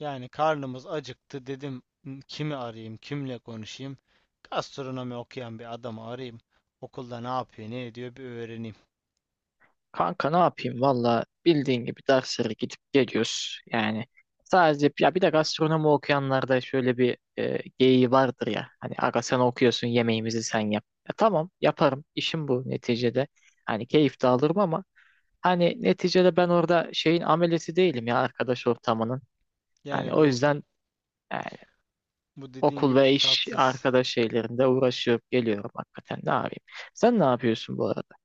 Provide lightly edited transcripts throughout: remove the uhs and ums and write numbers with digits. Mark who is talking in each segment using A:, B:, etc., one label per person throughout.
A: Yani karnımız acıktı dedim "Hmm, kimi arayayım, kimle konuşayım? Gastronomi okuyan bir adamı arayayım. Okulda ne yapıyor, ne ediyor bir öğreneyim.
B: Kanka ne yapayım valla bildiğin gibi derslere gidip geliyoruz. Yani sadece ya bir de gastronomi okuyanlarda şöyle bir geyiği vardır ya. Hani aga sen okuyorsun yemeğimizi sen yap. Ya tamam yaparım işim bu neticede. Hani keyif de alırım ama hani neticede ben orada şeyin amelesi değilim ya arkadaş ortamının. Hani
A: Yani
B: o
A: bu
B: yüzden yani
A: bu dediğin
B: okul
A: gibi
B: ve iş
A: tatsız.
B: arkadaş şeylerinde uğraşıp geliyorum hakikaten ne yapayım. Sen ne yapıyorsun bu arada?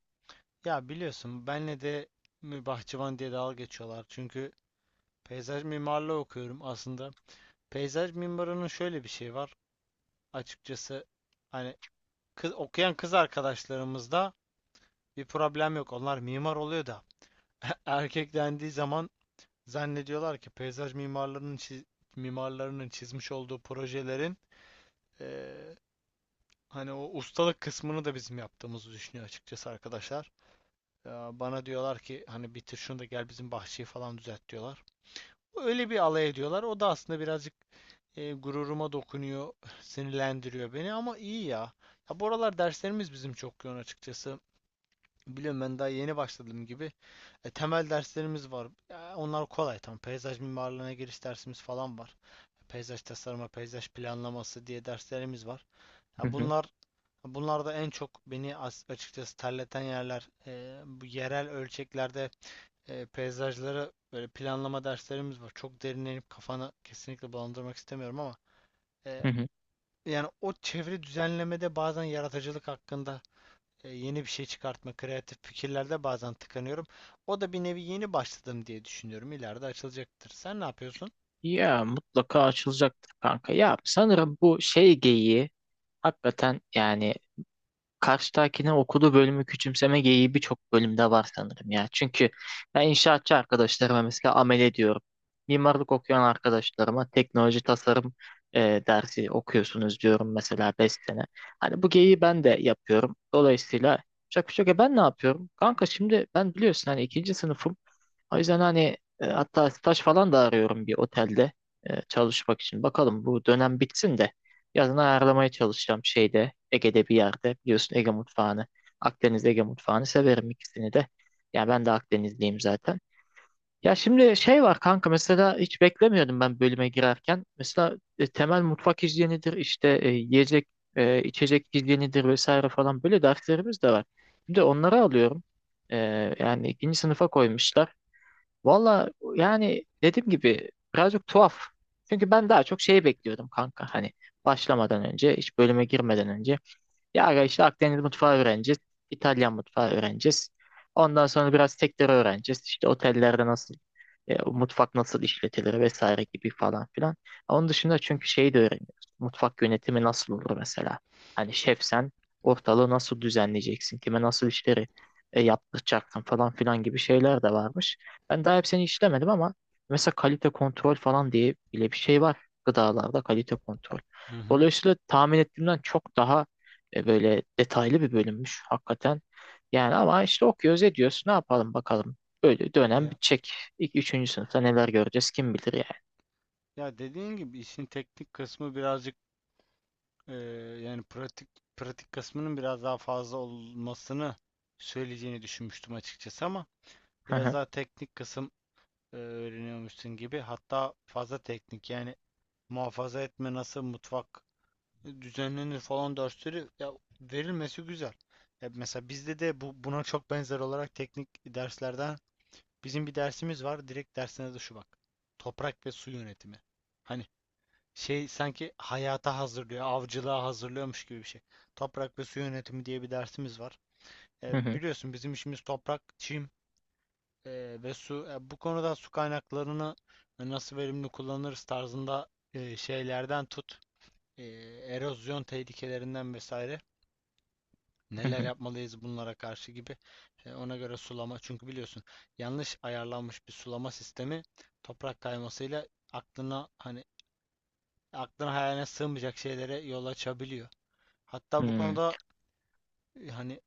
A: Ya biliyorsun benle de bahçıvan diye dalga geçiyorlar. Çünkü peyzaj mimarlığı okuyorum aslında. Peyzaj mimarının şöyle bir şey var. Açıkçası hani kız, okuyan kız arkadaşlarımızda bir problem yok. Onlar mimar oluyor da erkek dendiği zaman zannediyorlar ki peyzaj mimarlarının mimarlarının çizmiş olduğu projelerin eee, hani o ustalık kısmını da bizim yaptığımızı düşünüyor açıkçası arkadaşlar. Ya bana diyorlar ki hani bitir şunu da gel bizim bahçeyi falan düzelt diyorlar. Öyle bir alay ediyorlar. O da aslında birazcık gururuma dokunuyor, sinirlendiriyor beni ama iyi ya. Ya bu aralar derslerimiz bizim çok yoğun açıkçası. Biliyorum ben daha yeni başladığım gibi. E, temel derslerimiz var. Ya, onlar kolay tam. Peyzaj mimarlığına giriş dersimiz falan var. Peyzaj tasarımı, peyzaj planlaması diye derslerimiz var. Ya
B: Hı
A: bunlar da en çok beni açıkçası terleten yerler. E, bu yerel ölçeklerde e, peyzajları böyle planlama derslerimiz var. Çok derinlenip kafanı kesinlikle bulandırmak istemiyorum ama e,
B: hı.
A: yani o çevre düzenlemede bazen yaratıcılık hakkında yeni bir şey çıkartma, kreatif fikirlerde bazen tıkanıyorum. O da bir nevi yeni başladım diye düşünüyorum. İleride açılacaktır. Sen ne yapıyorsun?
B: Ya mutlaka açılacaktır kanka. Ya sanırım bu şey geyiği hakikaten yani karşıdakine okuduğu bölümü küçümseme geyiği birçok bölümde var sanırım ya. Çünkü ben inşaatçı arkadaşlarıma mesela amele diyorum. Mimarlık okuyan arkadaşlarıma teknoloji tasarım dersi okuyorsunuz diyorum mesela 5 sene. Hani bu geyiği ben de yapıyorum. Dolayısıyla şaka şaka ben ne yapıyorum? Kanka şimdi ben biliyorsun hani ikinci sınıfım. O yüzden hani hatta staj falan da arıyorum bir otelde çalışmak için. Bakalım bu dönem bitsin de. Yazın ayarlamaya çalışacağım şeyde Ege'de bir yerde. Biliyorsun Ege mutfağını, Akdeniz Ege mutfağını severim ikisini de. Yani ben de Akdenizliyim zaten. Ya şimdi şey var kanka mesela hiç beklemiyordum ben bölüme girerken. Mesela temel mutfak hijyenidir işte yiyecek içecek hijyenidir vesaire falan böyle derslerimiz de var. Şimdi onları alıyorum. E, Yani ikinci sınıfa koymuşlar. Valla yani dediğim gibi birazcık tuhaf. Çünkü ben daha çok şeyi bekliyordum kanka. Hani başlamadan önce, hiç bölüme girmeden önce. Ya aga işte Akdeniz mutfağı öğreneceğiz. İtalyan mutfağı öğreneceğiz. Ondan sonra biraz tekrar öğreneceğiz. İşte otellerde nasıl mutfak nasıl işletilir vesaire gibi falan filan. Onun dışında çünkü şeyi de öğreniyoruz. Mutfak yönetimi nasıl olur mesela? Hani şefsen ortalığı nasıl düzenleyeceksin? Kime nasıl işleri yaptıracaksın falan filan gibi şeyler de varmış. Ben daha hepsini işlemedim ama mesela kalite kontrol falan diye bile bir şey var gıdalarda kalite kontrol.
A: Hı hı.
B: Dolayısıyla tahmin ettiğimden çok daha böyle detaylı bir bölümmüş hakikaten. Yani ama işte okuyoruz ediyoruz. Ne yapalım bakalım. Böyle dönem
A: Ya,
B: bitecek. İlk üçüncü sınıfta neler göreceğiz kim bilir yani.
A: ya dediğin gibi işin teknik kısmı birazcık eee, yani pratik kısmının biraz daha fazla olmasını söyleyeceğini düşünmüştüm açıkçası ama
B: Hı
A: biraz
B: hı,
A: daha teknik kısım öğreniyormuşsun gibi hatta fazla teknik yani muhafaza etme nasıl mutfak düzenlenir falan dersleri ya verilmesi güzel. Ya mesela bizde de bu buna çok benzer olarak teknik derslerden bizim bir dersimiz var. Direkt dersine de şu bak. Toprak ve su yönetimi. Hani şey sanki hayata hazırlıyor, avcılığa hazırlıyormuş gibi bir şey. Toprak ve su yönetimi diye bir dersimiz var.
B: hı
A: E,
B: hı,
A: biliyorsun bizim işimiz toprak, çim e, ve su. E, bu konuda su kaynaklarını e, nasıl verimli kullanırız tarzında e, şeylerden tut e, erozyon tehlikelerinden vesaire
B: hı
A: neler
B: hı,
A: yapmalıyız bunlara karşı gibi. E, ona göre sulama çünkü biliyorsun yanlış ayarlanmış bir sulama sistemi toprak kaymasıyla aklına aklına hayaline sığmayacak şeylere yol açabiliyor. Hatta bu konuda hani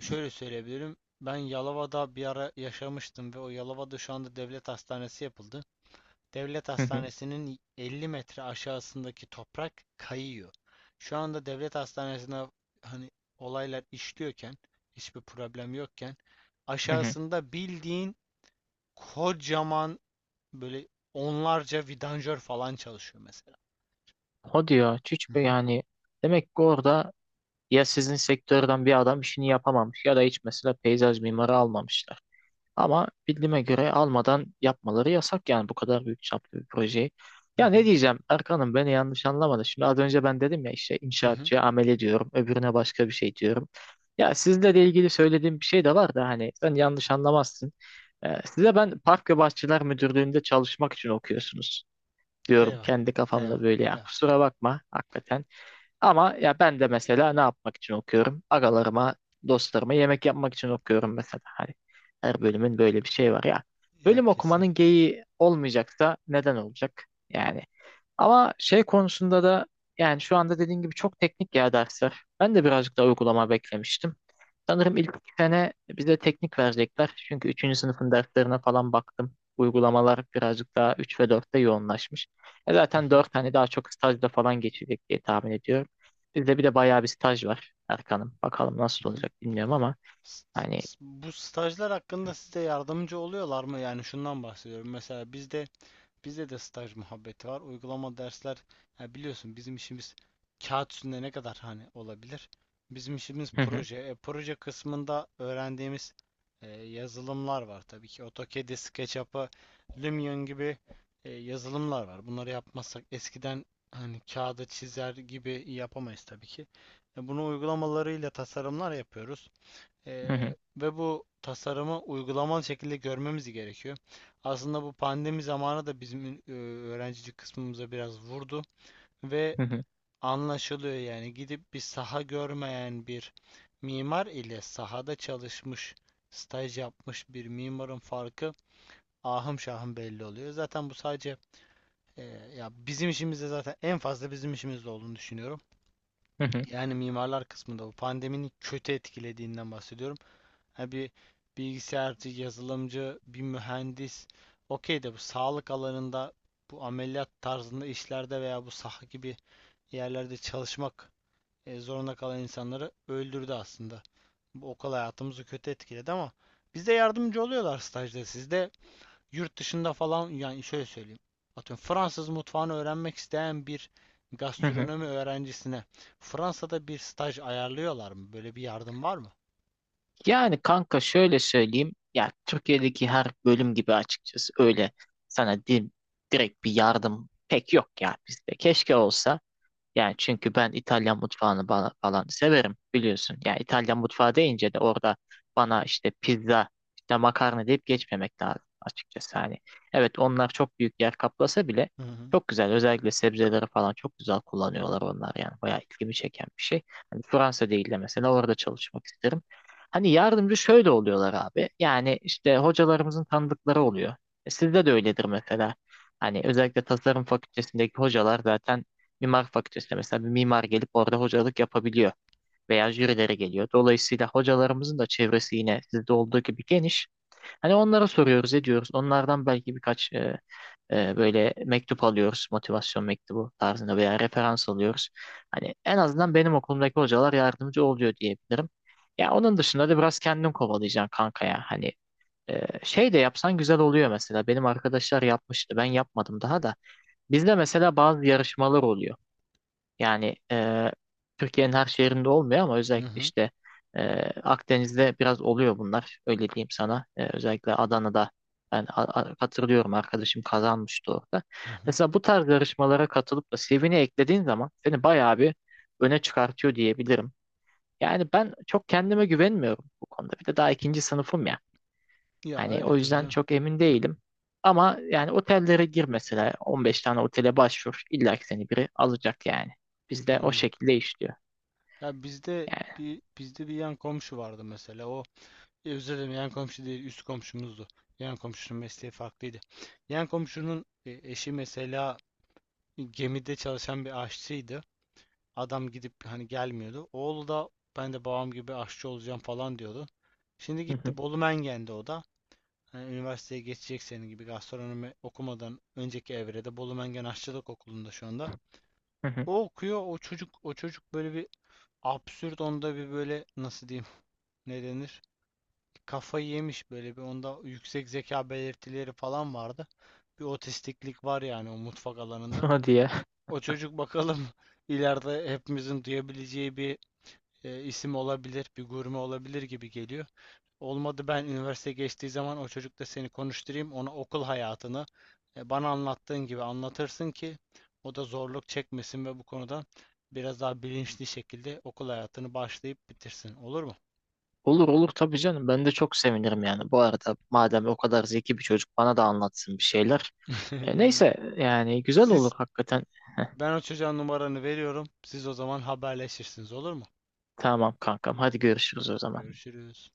A: şöyle söyleyebilirim. Ben Yalova'da bir ara yaşamıştım ve o Yalova'da şu anda devlet hastanesi yapıldı. Devlet
B: hı hı,
A: Hastanesi'nin 50 metre aşağısındaki toprak kayıyor. Şu anda devlet hastanesine hani olaylar işliyorken, hiçbir problem yokken
B: hı hı.
A: aşağısında bildiğin kocaman böyle onlarca vidanjör falan çalışıyor mesela.
B: O diyor
A: Hı
B: hiç böyle
A: hı.
B: yani demek ki orada ya sizin sektörden bir adam işini yapamamış ya da hiç mesela peyzaj mimarı almamışlar. Ama bildiğime göre almadan yapmaları yasak yani bu kadar büyük çaplı bir projeyi.
A: Hı
B: Ya ne
A: hı.
B: diyeceğim Erkan'ım beni yanlış anlamadı. Şimdi az önce ben dedim ya işte
A: Hı hı.
B: inşaatçıya amele diyorum, öbürüne başka bir şey diyorum. Ya sizle de ilgili söylediğim bir şey de var da hani sen yanlış anlamazsın. Size ben Park ve Bahçeler Müdürlüğü'nde çalışmak için okuyorsunuz diyorum
A: Eyvah.
B: kendi kafamda
A: Eyvah.
B: böyle ya
A: Eyvah.
B: kusura bakma hakikaten. Ama ya ben de mesela ne yapmak için okuyorum? Agalarıma, dostlarıma yemek yapmak için okuyorum mesela. Hani her bölümün böyle bir şey var ya.
A: Ya
B: Bölüm okumanın
A: kesinlikle.
B: geyiği olmayacaksa neden olacak? Yani ama şey konusunda da yani şu anda dediğin gibi çok teknik ya dersler. Ben de birazcık daha uygulama beklemiştim. Sanırım ilk iki sene bize teknik verecekler. Çünkü üçüncü sınıfın derslerine falan baktım. Uygulamalar birazcık daha 3 ve dörtte yoğunlaşmış. E
A: Hı
B: zaten
A: hı.
B: 4 hani daha çok stajda falan geçecek diye tahmin ediyorum. Bizde bir de bayağı bir staj var Erkan'ım. Bakalım
A: Hı
B: nasıl
A: hı.
B: olacak bilmiyorum ama
A: S-
B: hani
A: Bu stajlar hakkında size yardımcı oluyorlar mı? Yani şundan bahsediyorum. Mesela bizde bizde de staj muhabbeti var. Uygulama dersler ya biliyorsun bizim işimiz kağıt üstünde ne kadar hani olabilir? Bizim işimiz
B: hı hı,
A: proje. E, proje kısmında öğrendiğimiz e, yazılımlar var tabii ki. AutoCAD'i, SketchUp'ı, Lumion gibi e, yazılımlar var. Bunları yapmazsak eskiden hani kağıda çizer gibi yapamayız tabii ki. E, bunu uygulamalarıyla tasarımlar yapıyoruz.
B: hı hı,
A: Ve bu tasarımı uygulamalı şekilde görmemiz gerekiyor. Aslında bu pandemi zamanı da bizim e, öğrencilik kısmımıza biraz vurdu ve
B: hı hı,
A: anlaşılıyor yani gidip bir saha görmeyen bir mimar ile sahada çalışmış, staj yapmış bir mimarın farkı ahım şahım belli oluyor. Zaten bu sadece e, ya bizim işimizde zaten en fazla bizim işimizde olduğunu düşünüyorum.
B: hı hı,
A: Yani mimarlar kısmında bu pandeminin kötü etkilediğinden bahsediyorum. Ha bir bilgisayarcı, yazılımcı, bir mühendis. Okey de bu sağlık alanında, bu ameliyat tarzında işlerde veya bu saha gibi yerlerde çalışmak zorunda kalan insanları öldürdü aslında. Bu okul hayatımızı kötü etkiledi ama bize yardımcı oluyorlar stajda. Sizde yurt dışında falan yani şöyle söyleyeyim. Atıyorum Fransız mutfağını öğrenmek isteyen bir
B: hı hı.
A: gastronomi öğrencisine Fransa'da bir staj ayarlıyorlar mı? Böyle bir yardım var mı?
B: Yani kanka şöyle söyleyeyim ya Türkiye'deki her bölüm gibi açıkçası öyle sana direkt bir yardım pek yok ya bizde. Keşke olsa. Yani çünkü ben İtalyan mutfağını bana, falan severim biliyorsun. Yani İtalyan mutfağı deyince de orada bana işte pizza, işte makarna deyip geçmemek lazım açıkçası. Hani evet onlar çok büyük yer kaplasa bile
A: Hı hı.
B: çok güzel. Özellikle sebzeleri falan çok güzel kullanıyorlar onlar yani. Bayağı ilgimi çeken bir şey. Hani Fransa değil de mesela orada çalışmak isterim. Hani yardımcı şöyle oluyorlar abi. Yani işte hocalarımızın tanıdıkları oluyor. Sizde de öyledir mesela. Hani özellikle tasarım fakültesindeki hocalar zaten mimar fakültesinde mesela bir mimar gelip orada hocalık yapabiliyor veya jürilere geliyor. Dolayısıyla hocalarımızın da çevresi yine sizde olduğu gibi geniş. Hani onlara soruyoruz, ediyoruz. Onlardan belki birkaç böyle mektup alıyoruz, motivasyon mektubu tarzında veya referans alıyoruz. Hani en azından benim okulumdaki hocalar yardımcı oluyor diyebilirim. Ya onun dışında da biraz kendin kovalayacaksın kanka ya. Hani şey de yapsan güzel oluyor mesela. Benim arkadaşlar yapmıştı. Ben yapmadım daha da. Bizde mesela bazı yarışmalar oluyor. Yani Türkiye'nin her şehrinde olmuyor ama
A: Hı
B: özellikle
A: hı.
B: işte e, Akdeniz'de biraz oluyor bunlar. Öyle diyeyim sana. Özellikle Adana'da ben hatırlıyorum arkadaşım kazanmıştı orada.
A: Hı hı.
B: Mesela bu tarz yarışmalara katılıp da CV'ni eklediğin zaman seni bayağı bir öne çıkartıyor diyebilirim. Yani ben çok kendime güvenmiyorum bu konuda. Bir de daha ikinci sınıfım ya.
A: Ya
B: Hani
A: öyle
B: o
A: tabii
B: yüzden
A: canım.
B: çok emin değilim. Ama yani otellere gir mesela 15 tane otele başvur. İlla ki seni biri alacak yani. Bizde o
A: Anladım.
B: şekilde işliyor.
A: Ya bizde
B: Yani
A: bir yan komşu vardı mesela. O özür dilerim yan komşu değil üst komşumuzdu. Yan komşunun mesleği farklıydı. Yan komşunun e, eşi mesela gemide çalışan bir aşçıydı. Adam gidip hani gelmiyordu. Oğlu da ben de babam gibi aşçı olacağım falan diyordu. Şimdi
B: hı hı,
A: gitti Bolu Mengen'de o da. Hani üniversiteye geçecek senin gibi gastronomi okumadan önceki evrede Bolu Mengen Aşçılık Okulu'nda şu anda.
B: hı hı.
A: O okuyor, o çocuk böyle bir absürt onda bir böyle nasıl diyeyim ne denir? Kafayı yemiş böyle bir onda yüksek zeka belirtileri falan vardı. Bir otistiklik var yani o mutfak alanında.
B: Hadi ya.
A: O çocuk bakalım ileride hepimizin duyabileceği bir isim olabilir, bir gurme olabilir gibi geliyor. Olmadı ben üniversite geçtiği zaman o çocukla seni konuşturayım. Ona okul hayatını bana anlattığın gibi anlatırsın ki o da zorluk çekmesin ve bu konuda biraz daha bilinçli şekilde okul hayatını başlayıp bitirsin. Olur mu?
B: Olur olur tabii canım. Ben de çok sevinirim yani. Bu arada madem o kadar zeki bir çocuk bana da anlatsın bir şeyler. E,
A: İyi.
B: neyse yani güzel olur
A: Siz
B: hakikaten.
A: Ben o çocuğa numaranı veriyorum. Siz o zaman haberleşirsiniz olur mu?
B: Tamam kankam. Hadi görüşürüz o zaman.
A: Görüşürüz.